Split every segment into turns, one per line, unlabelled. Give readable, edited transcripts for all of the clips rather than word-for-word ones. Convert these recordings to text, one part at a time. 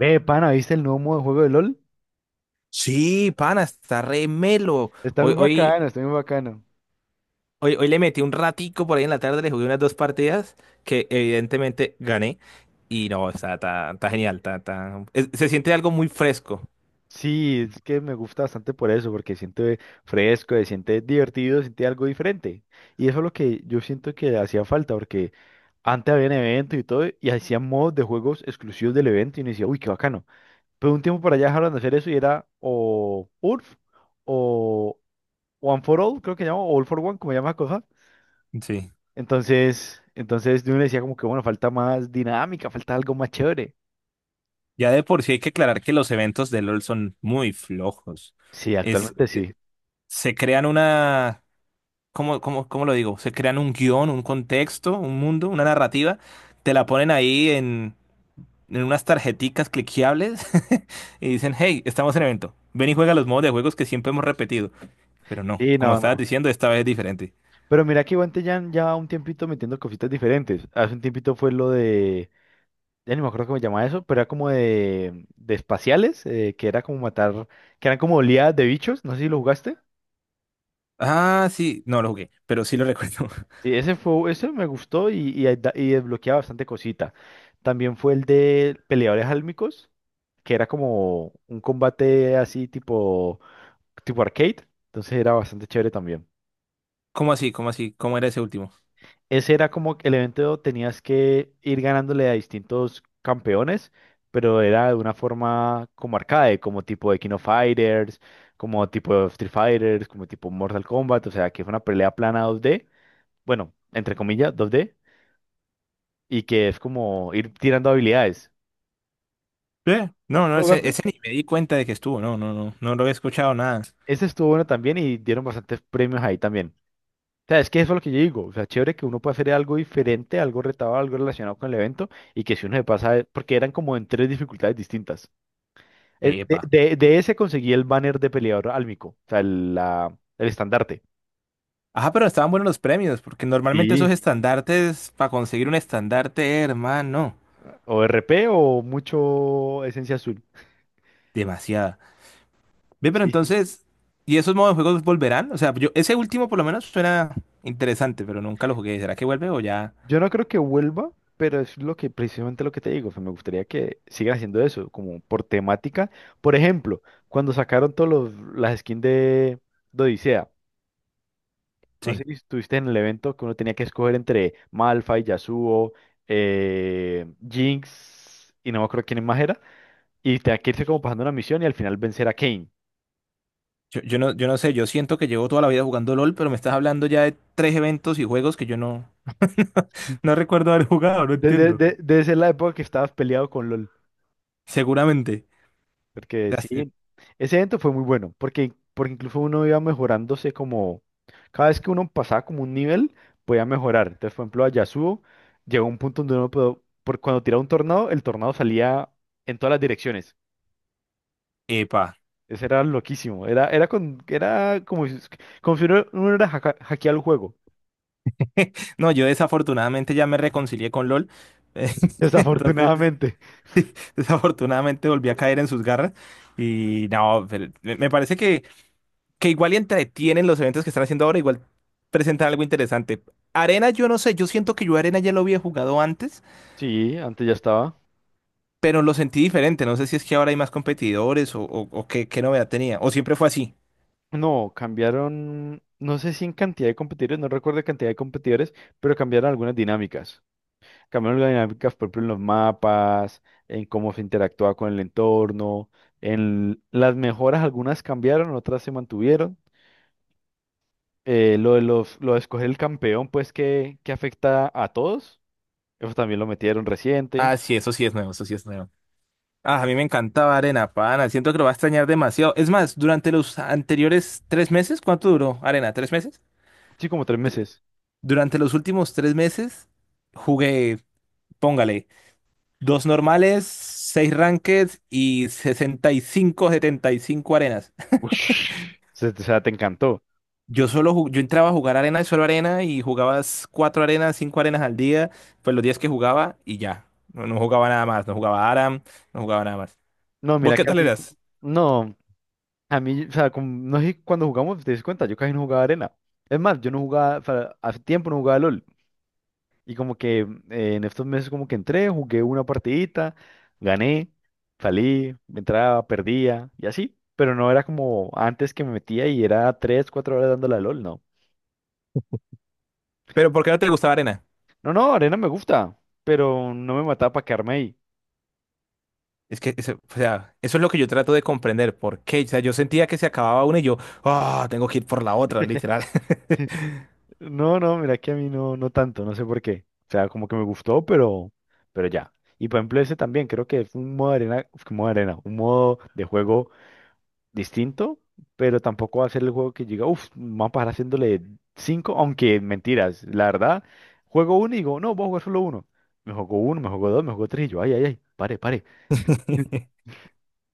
Ve, pana, ¿viste el nuevo modo de juego de LOL?
Sí, pana, está re melo.
Está muy
Hoy, hoy,
bacano, está muy bacano.
hoy le metí un ratico por ahí en la tarde, le jugué unas dos partidas que evidentemente gané. Y no, está genial, se siente algo muy fresco.
Sí, es que me gusta bastante por eso, porque siente fresco, se siente divertido, siente algo diferente. Y eso es lo que yo siento que hacía falta, porque antes habían eventos y todo, y hacían modos de juegos exclusivos del evento, y uno decía, uy, qué bacano. Pero un tiempo para allá dejaron de hacer eso y era o URF, o One for All, creo que llama, o All for One, como llama la cosa.
Sí,
Entonces uno decía como que, bueno, falta más dinámica, falta algo más chévere.
ya de por sí hay que aclarar que los eventos de LOL son muy flojos.
Sí,
Es,
actualmente sí.
se crean una, ¿cómo lo digo? Se crean un guión, un contexto, un mundo, una narrativa, te la ponen ahí en unas tarjeticas cliqueables y dicen, hey, estamos en evento, ven y juega los modos de juegos que siempre hemos repetido. Pero no,
Sí,
como
no,
estabas
no.
diciendo, esta vez es diferente.
Pero mira que Guantellán ya un tiempito metiendo cositas diferentes. Hace un tiempito fue lo de, ya ni me acuerdo cómo se llamaba eso, pero era como de espaciales, que era como matar, que eran como oleadas de bichos, no sé si lo jugaste.
Ah, sí, no lo jugué, pero sí lo recuerdo.
Sí, ese fue, ese me gustó y, ahí da- y desbloqueaba bastante cosita. También fue el de peleadores álmicos, que era como un combate así tipo, tipo arcade, entonces era bastante chévere también.
¿Cómo así? ¿Cómo así? ¿Cómo era ese último?
Ese era como que el evento tenías que ir ganándole a distintos campeones, pero era de una forma como arcade, como tipo de King of Fighters, como tipo de Street Fighters, como tipo Mortal Kombat, o sea, que fue una pelea plana dos d, bueno, entre comillas, dos d, y que es como ir tirando habilidades.
No, no,
¿Lo
ese,
jugaste?
ese ni me di cuenta de que estuvo, no, no, no, no lo he escuchado nada.
Ese estuvo bueno también y dieron bastantes premios ahí también. O sea, es que eso es lo que yo digo. O sea, chévere que uno puede hacer algo diferente, algo retado, algo relacionado con el evento y que si uno se pasa, porque eran como en tres dificultades distintas.
Epa.
De ese conseguí el banner de peleador álmico, o sea, el estandarte.
Ajá, pero estaban buenos los premios, porque normalmente esos
Sí.
estandartes, para conseguir un estandarte, hermano,
O r p o mucho esencia azul.
demasiada. Ve, pero
Sí, sí.
entonces, ¿y esos modos de juegos volverán? O sea, yo, ese último por lo menos suena interesante, pero nunca lo jugué. ¿Será que vuelve o ya?
Yo no creo que vuelva, pero es lo que precisamente lo que te digo. O sea, me gustaría que sigan haciendo eso, como por temática. Por ejemplo, cuando sacaron todas las skins de Odisea, no
Sí.
sé si estuviste en el evento que uno tenía que escoger entre Malphite, Yasuo, Jinx y no me acuerdo quién más era. Y tenía que irse como pasando una misión y al final vencer a Kane.
Yo no sé, yo siento que llevo toda la vida jugando LOL, pero me estás hablando ya de tres eventos y juegos que yo no, no recuerdo haber jugado, no entiendo.
Debe ser la época que estabas peleado con LOL.
Seguramente.
Porque
Las-
sí, ese evento fue muy bueno. Porque, porque incluso uno iba mejorándose como. Cada vez que uno pasaba como un nivel, podía mejorar. Entonces, por ejemplo, a Yasuo llegó un punto donde uno pudo. Por, cuando tiraba un tornado, el tornado salía en todas las direcciones.
Epa.
Eso era loquísimo. Era como si uno era hackeado el juego.
No, yo desafortunadamente ya me reconcilié con LOL. Entonces.
Desafortunadamente.
Desafortunadamente volví a caer en sus garras y no, pero me parece que igual y entretienen los eventos que están haciendo ahora, igual presentan algo interesante. Arena, yo no sé, yo siento que yo Arena ya lo había jugado antes,
Sí, antes ya estaba.
pero lo sentí diferente. No sé si es que ahora hay más competidores o qué novedad tenía, o siempre fue así.
No, cambiaron, no sé si en cantidad de competidores, no recuerdo la cantidad de competidores, pero cambiaron algunas dinámicas. Cambiaron las dinámicas, por ejemplo, en los mapas, en cómo se interactuaba con el entorno, en las mejoras, algunas cambiaron, otras se mantuvieron. Lo de escoger el campeón, pues que afecta a todos, eso también lo metieron reciente.
Ah, sí, eso sí es nuevo, eso sí es nuevo. Ah, a mí me encantaba Arena, pana, siento que lo va a extrañar demasiado. Es más, durante los anteriores 3 meses, ¿cuánto duró Arena? ¿3 meses?
Sí, como tres meses.
Durante los últimos 3 meses jugué... Póngale, dos normales, seis rankeds y 65 75 arenas.
Ush, se- o sea, te encantó.
Yo entraba a jugar arena y solo arena y jugabas cuatro arenas, cinco arenas al día, pues los días que jugaba y ya. No, no jugaba nada más, no jugaba Aram, no jugaba nada más.
No,
¿Vos
mira
qué
que a
tal
mí,
eras?
no. A mí, o sea, como- no sé, cuando jugamos, te das cuenta, yo casi no jugaba arena. Es más, yo no jugaba, o sea, hace tiempo no jugaba LOL. Y como que en estos meses como que entré, jugué una partidita, gané, salí, entraba, perdía y así. Pero no era como antes que me metía y era tres, cuatro horas dándole a LOL, no.
¿Pero por qué no te gustaba arena?
No, no, arena me gusta, pero no me mataba para quedarme ahí.
Es que, eso, o sea, eso es lo que yo trato de comprender. ¿Por qué? O sea, yo sentía que se acababa una y yo, ah, tengo que ir por la otra, literal.
No, no, mira que a mí no, no tanto, no sé por qué. O sea, como que me gustó, pero ya. Y por ejemplo, ese también creo que es un modo de arena, uf, modo de arena, un modo de juego distinto, pero tampoco va a ser el juego que llega, uff, vamos a pasar haciéndole cinco, aunque mentiras, la verdad, juego uno y digo, no, voy a jugar solo uno. Me jugó uno, me jugó dos, me jugó tres, y yo, ay, ay, ay, pare, pare.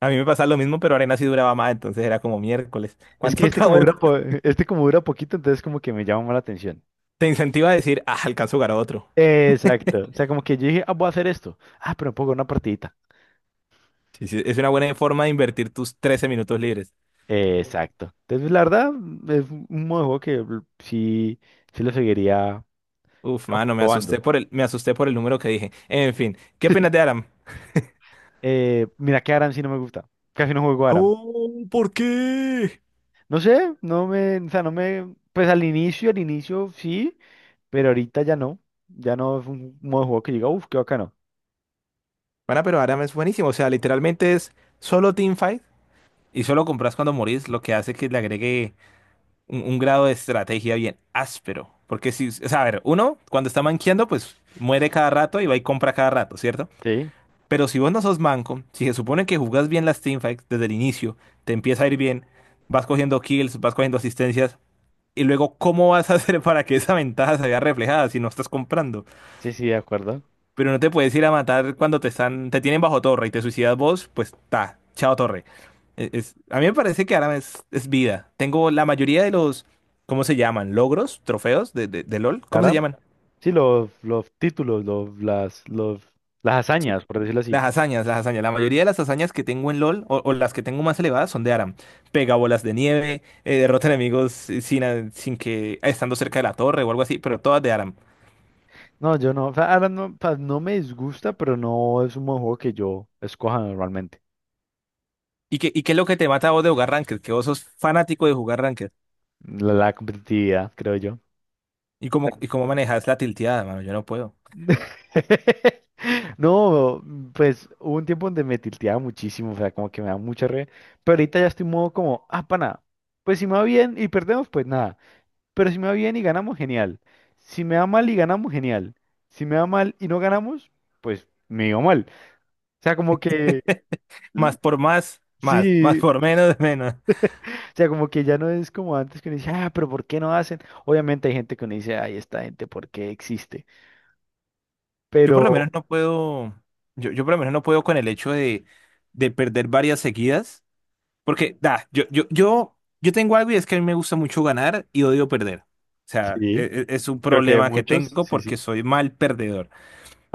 A mí me pasa lo mismo, pero arena sí duraba más, entonces era como miércoles.
Es que
¿Cuánto
este
acabo
como
de?
dura, po- este como dura poquito, entonces como que me llama más la atención.
Te incentiva a decir, ah, alcanzo a jugar a otro.
Exacto. O sea, como que yo dije, ah, voy a hacer esto. Ah, pero me puedo jugar una partidita.
Sí, sí, es una buena forma de invertir tus 13 minutos libres.
Exacto. Entonces, la verdad, es un modo de juego que l- sí, sí lo seguiría
Uf, mano, me
probando.
asusté por el número que dije. En fin, ¿qué opinas de Aram?
Mira que Aram sí no me gusta. Casi no juego Aram.
No, ¿por qué?
No sé, no me, o sea, no me, pues al inicio sí, pero ahorita ya no. Ya no es un modo de juego que diga, uff, qué bacano.
Bueno, pero Aram es buenísimo. O sea, literalmente es solo teamfight y solo compras cuando morís, lo que hace que le agregue un grado de estrategia bien áspero. Porque si, o sea, a ver, uno cuando está manqueando, pues muere cada rato y va y compra cada rato, ¿cierto?
Sí,
Pero si vos no sos manco, si se supone que jugás bien las teamfights desde el inicio, te empieza a ir bien, vas cogiendo kills, vas cogiendo asistencias, y luego, ¿cómo vas a hacer para que esa ventaja se vea reflejada si no estás comprando?
sí, sí, de acuerdo.
Pero no te puedes ir a matar cuando te tienen bajo torre y te suicidas vos, pues ta, chao torre. A mí me parece que ahora es, vida. Tengo la mayoría de los, ¿cómo se llaman? ¿Logros? ¿Trofeos de LOL? ¿Cómo se
Aram,
llaman?
sí, los títulos, los, las hazañas, por decirlo así.
Las hazañas, las hazañas. La mayoría de las hazañas que tengo en LOL o las que tengo más elevadas son de Aram. Pega bolas de nieve, derrota enemigos sin que estando cerca de la torre o algo así, pero todas de Aram.
No, yo no, o sea, Aram no, o sea, no me disgusta, pero no es un modo de juego que yo escoja normalmente.
¿Y qué es lo que te mata a vos de jugar Ranked? Que vos sos fanático de jugar Ranked.
La competitividad, creo yo.
¿Y cómo manejas la tilteada, mano? Yo no puedo.
No, pues hubo un tiempo donde me tilteaba muchísimo, o sea, como que me da mucha re, pero ahorita ya estoy en modo como, ah, pana, pues si me va bien y perdemos, pues nada, pero si me va bien y ganamos, genial, si me va mal y ganamos, genial, si me va mal y no ganamos, pues me iba mal, o sea, como que, l-
Más por más, más
sí,
por menos, menos.
o sea, como que ya no es como antes que uno dice, ah, pero ¿por qué no hacen? Obviamente hay gente que uno dice, ay, esta gente, ¿por qué existe?
Yo por lo
Pero,
menos no puedo, yo por lo menos no puedo con el hecho de perder varias seguidas. Porque, da, yo tengo algo y es que a mí me gusta mucho ganar y odio perder. O sea,
sí,
un
creo que hay
problema que
muchos,
tengo
sí, sí.
porque soy mal perdedor.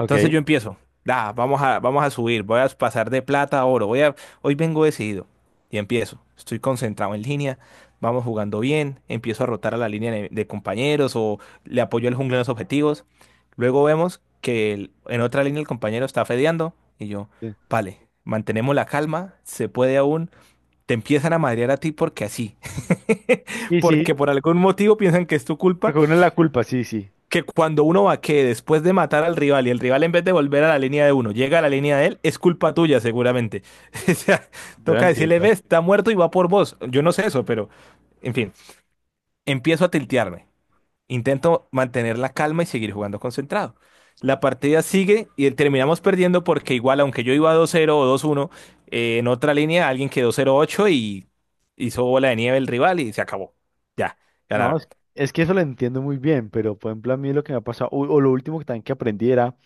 Entonces yo empiezo, da, vamos a subir, voy a pasar de plata a oro, hoy vengo decidido y empiezo. Estoy concentrado en línea, vamos jugando bien, empiezo a rotar a la línea de compañeros o le apoyo al jungla en los objetivos. Luego vemos que en otra línea el compañero está fedeando y yo,
Sí.
vale, mantenemos la calma, se puede aún. Te empiezan a madrear a ti porque así,
Y
porque
sí,
por algún motivo piensan que es tu culpa,
reconoce la culpa, sí, sí.
que cuando uno va que después de matar al rival y el rival en vez de volver a la línea de uno, llega a la línea de él, es culpa tuya seguramente. O sea,
Yo la
toca decirle,
entiendo.
ves, está muerto y va por vos. Yo no sé eso, pero, en fin, empiezo a tiltearme. Intento mantener la calma y seguir jugando concentrado. La partida sigue y terminamos perdiendo porque igual, aunque yo iba 2-0 o 2-1, en otra línea alguien quedó 0-8 y hizo bola de nieve el rival y se acabó. Ya,
No,
ganaron.
es que eso lo entiendo muy bien, pero por ejemplo, a mí lo que me ha pasado, o lo último que también que aprendí era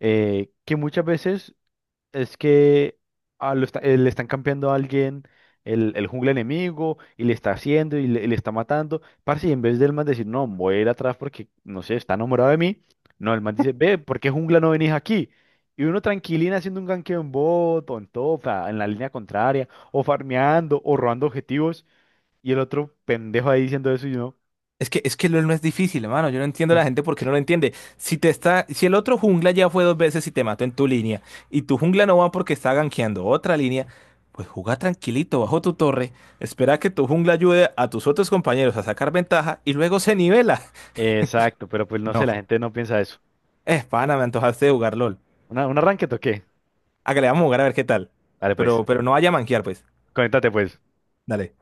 que muchas veces. Es que ah, lo está- le están campeando a alguien el jungla enemigo y le está haciendo y le está matando. Parce, y en vez del man decir, no, voy a ir atrás porque, no sé, está enamorado de mí. No, el man dice, ve, ¿por qué jungla no venís aquí? Y uno tranquilina haciendo un ganqueo en bot o en top, a- en la línea contraria, o farmeando, o robando objetivos. Y el otro pendejo ahí diciendo eso y yo,
Es que LOL no es difícil, hermano. Yo no entiendo a la gente porque no lo entiende. Si el otro jungla ya fue dos veces y te mató en tu línea, y tu jungla no va porque está gankeando otra línea, pues juega tranquilito bajo tu torre, espera que tu jungla ayude a tus otros compañeros a sacar ventaja y luego se nivela.
exacto, pero pues no sé, la
No.
gente no piensa eso.
Es pana, me antojaste de jugar LOL.
¿Una, un arranque toqué?
Ah, que le vamos a jugar a ver qué tal.
Dale pues,
Pero no vaya a manquear, pues.
conéctate pues.
Dale.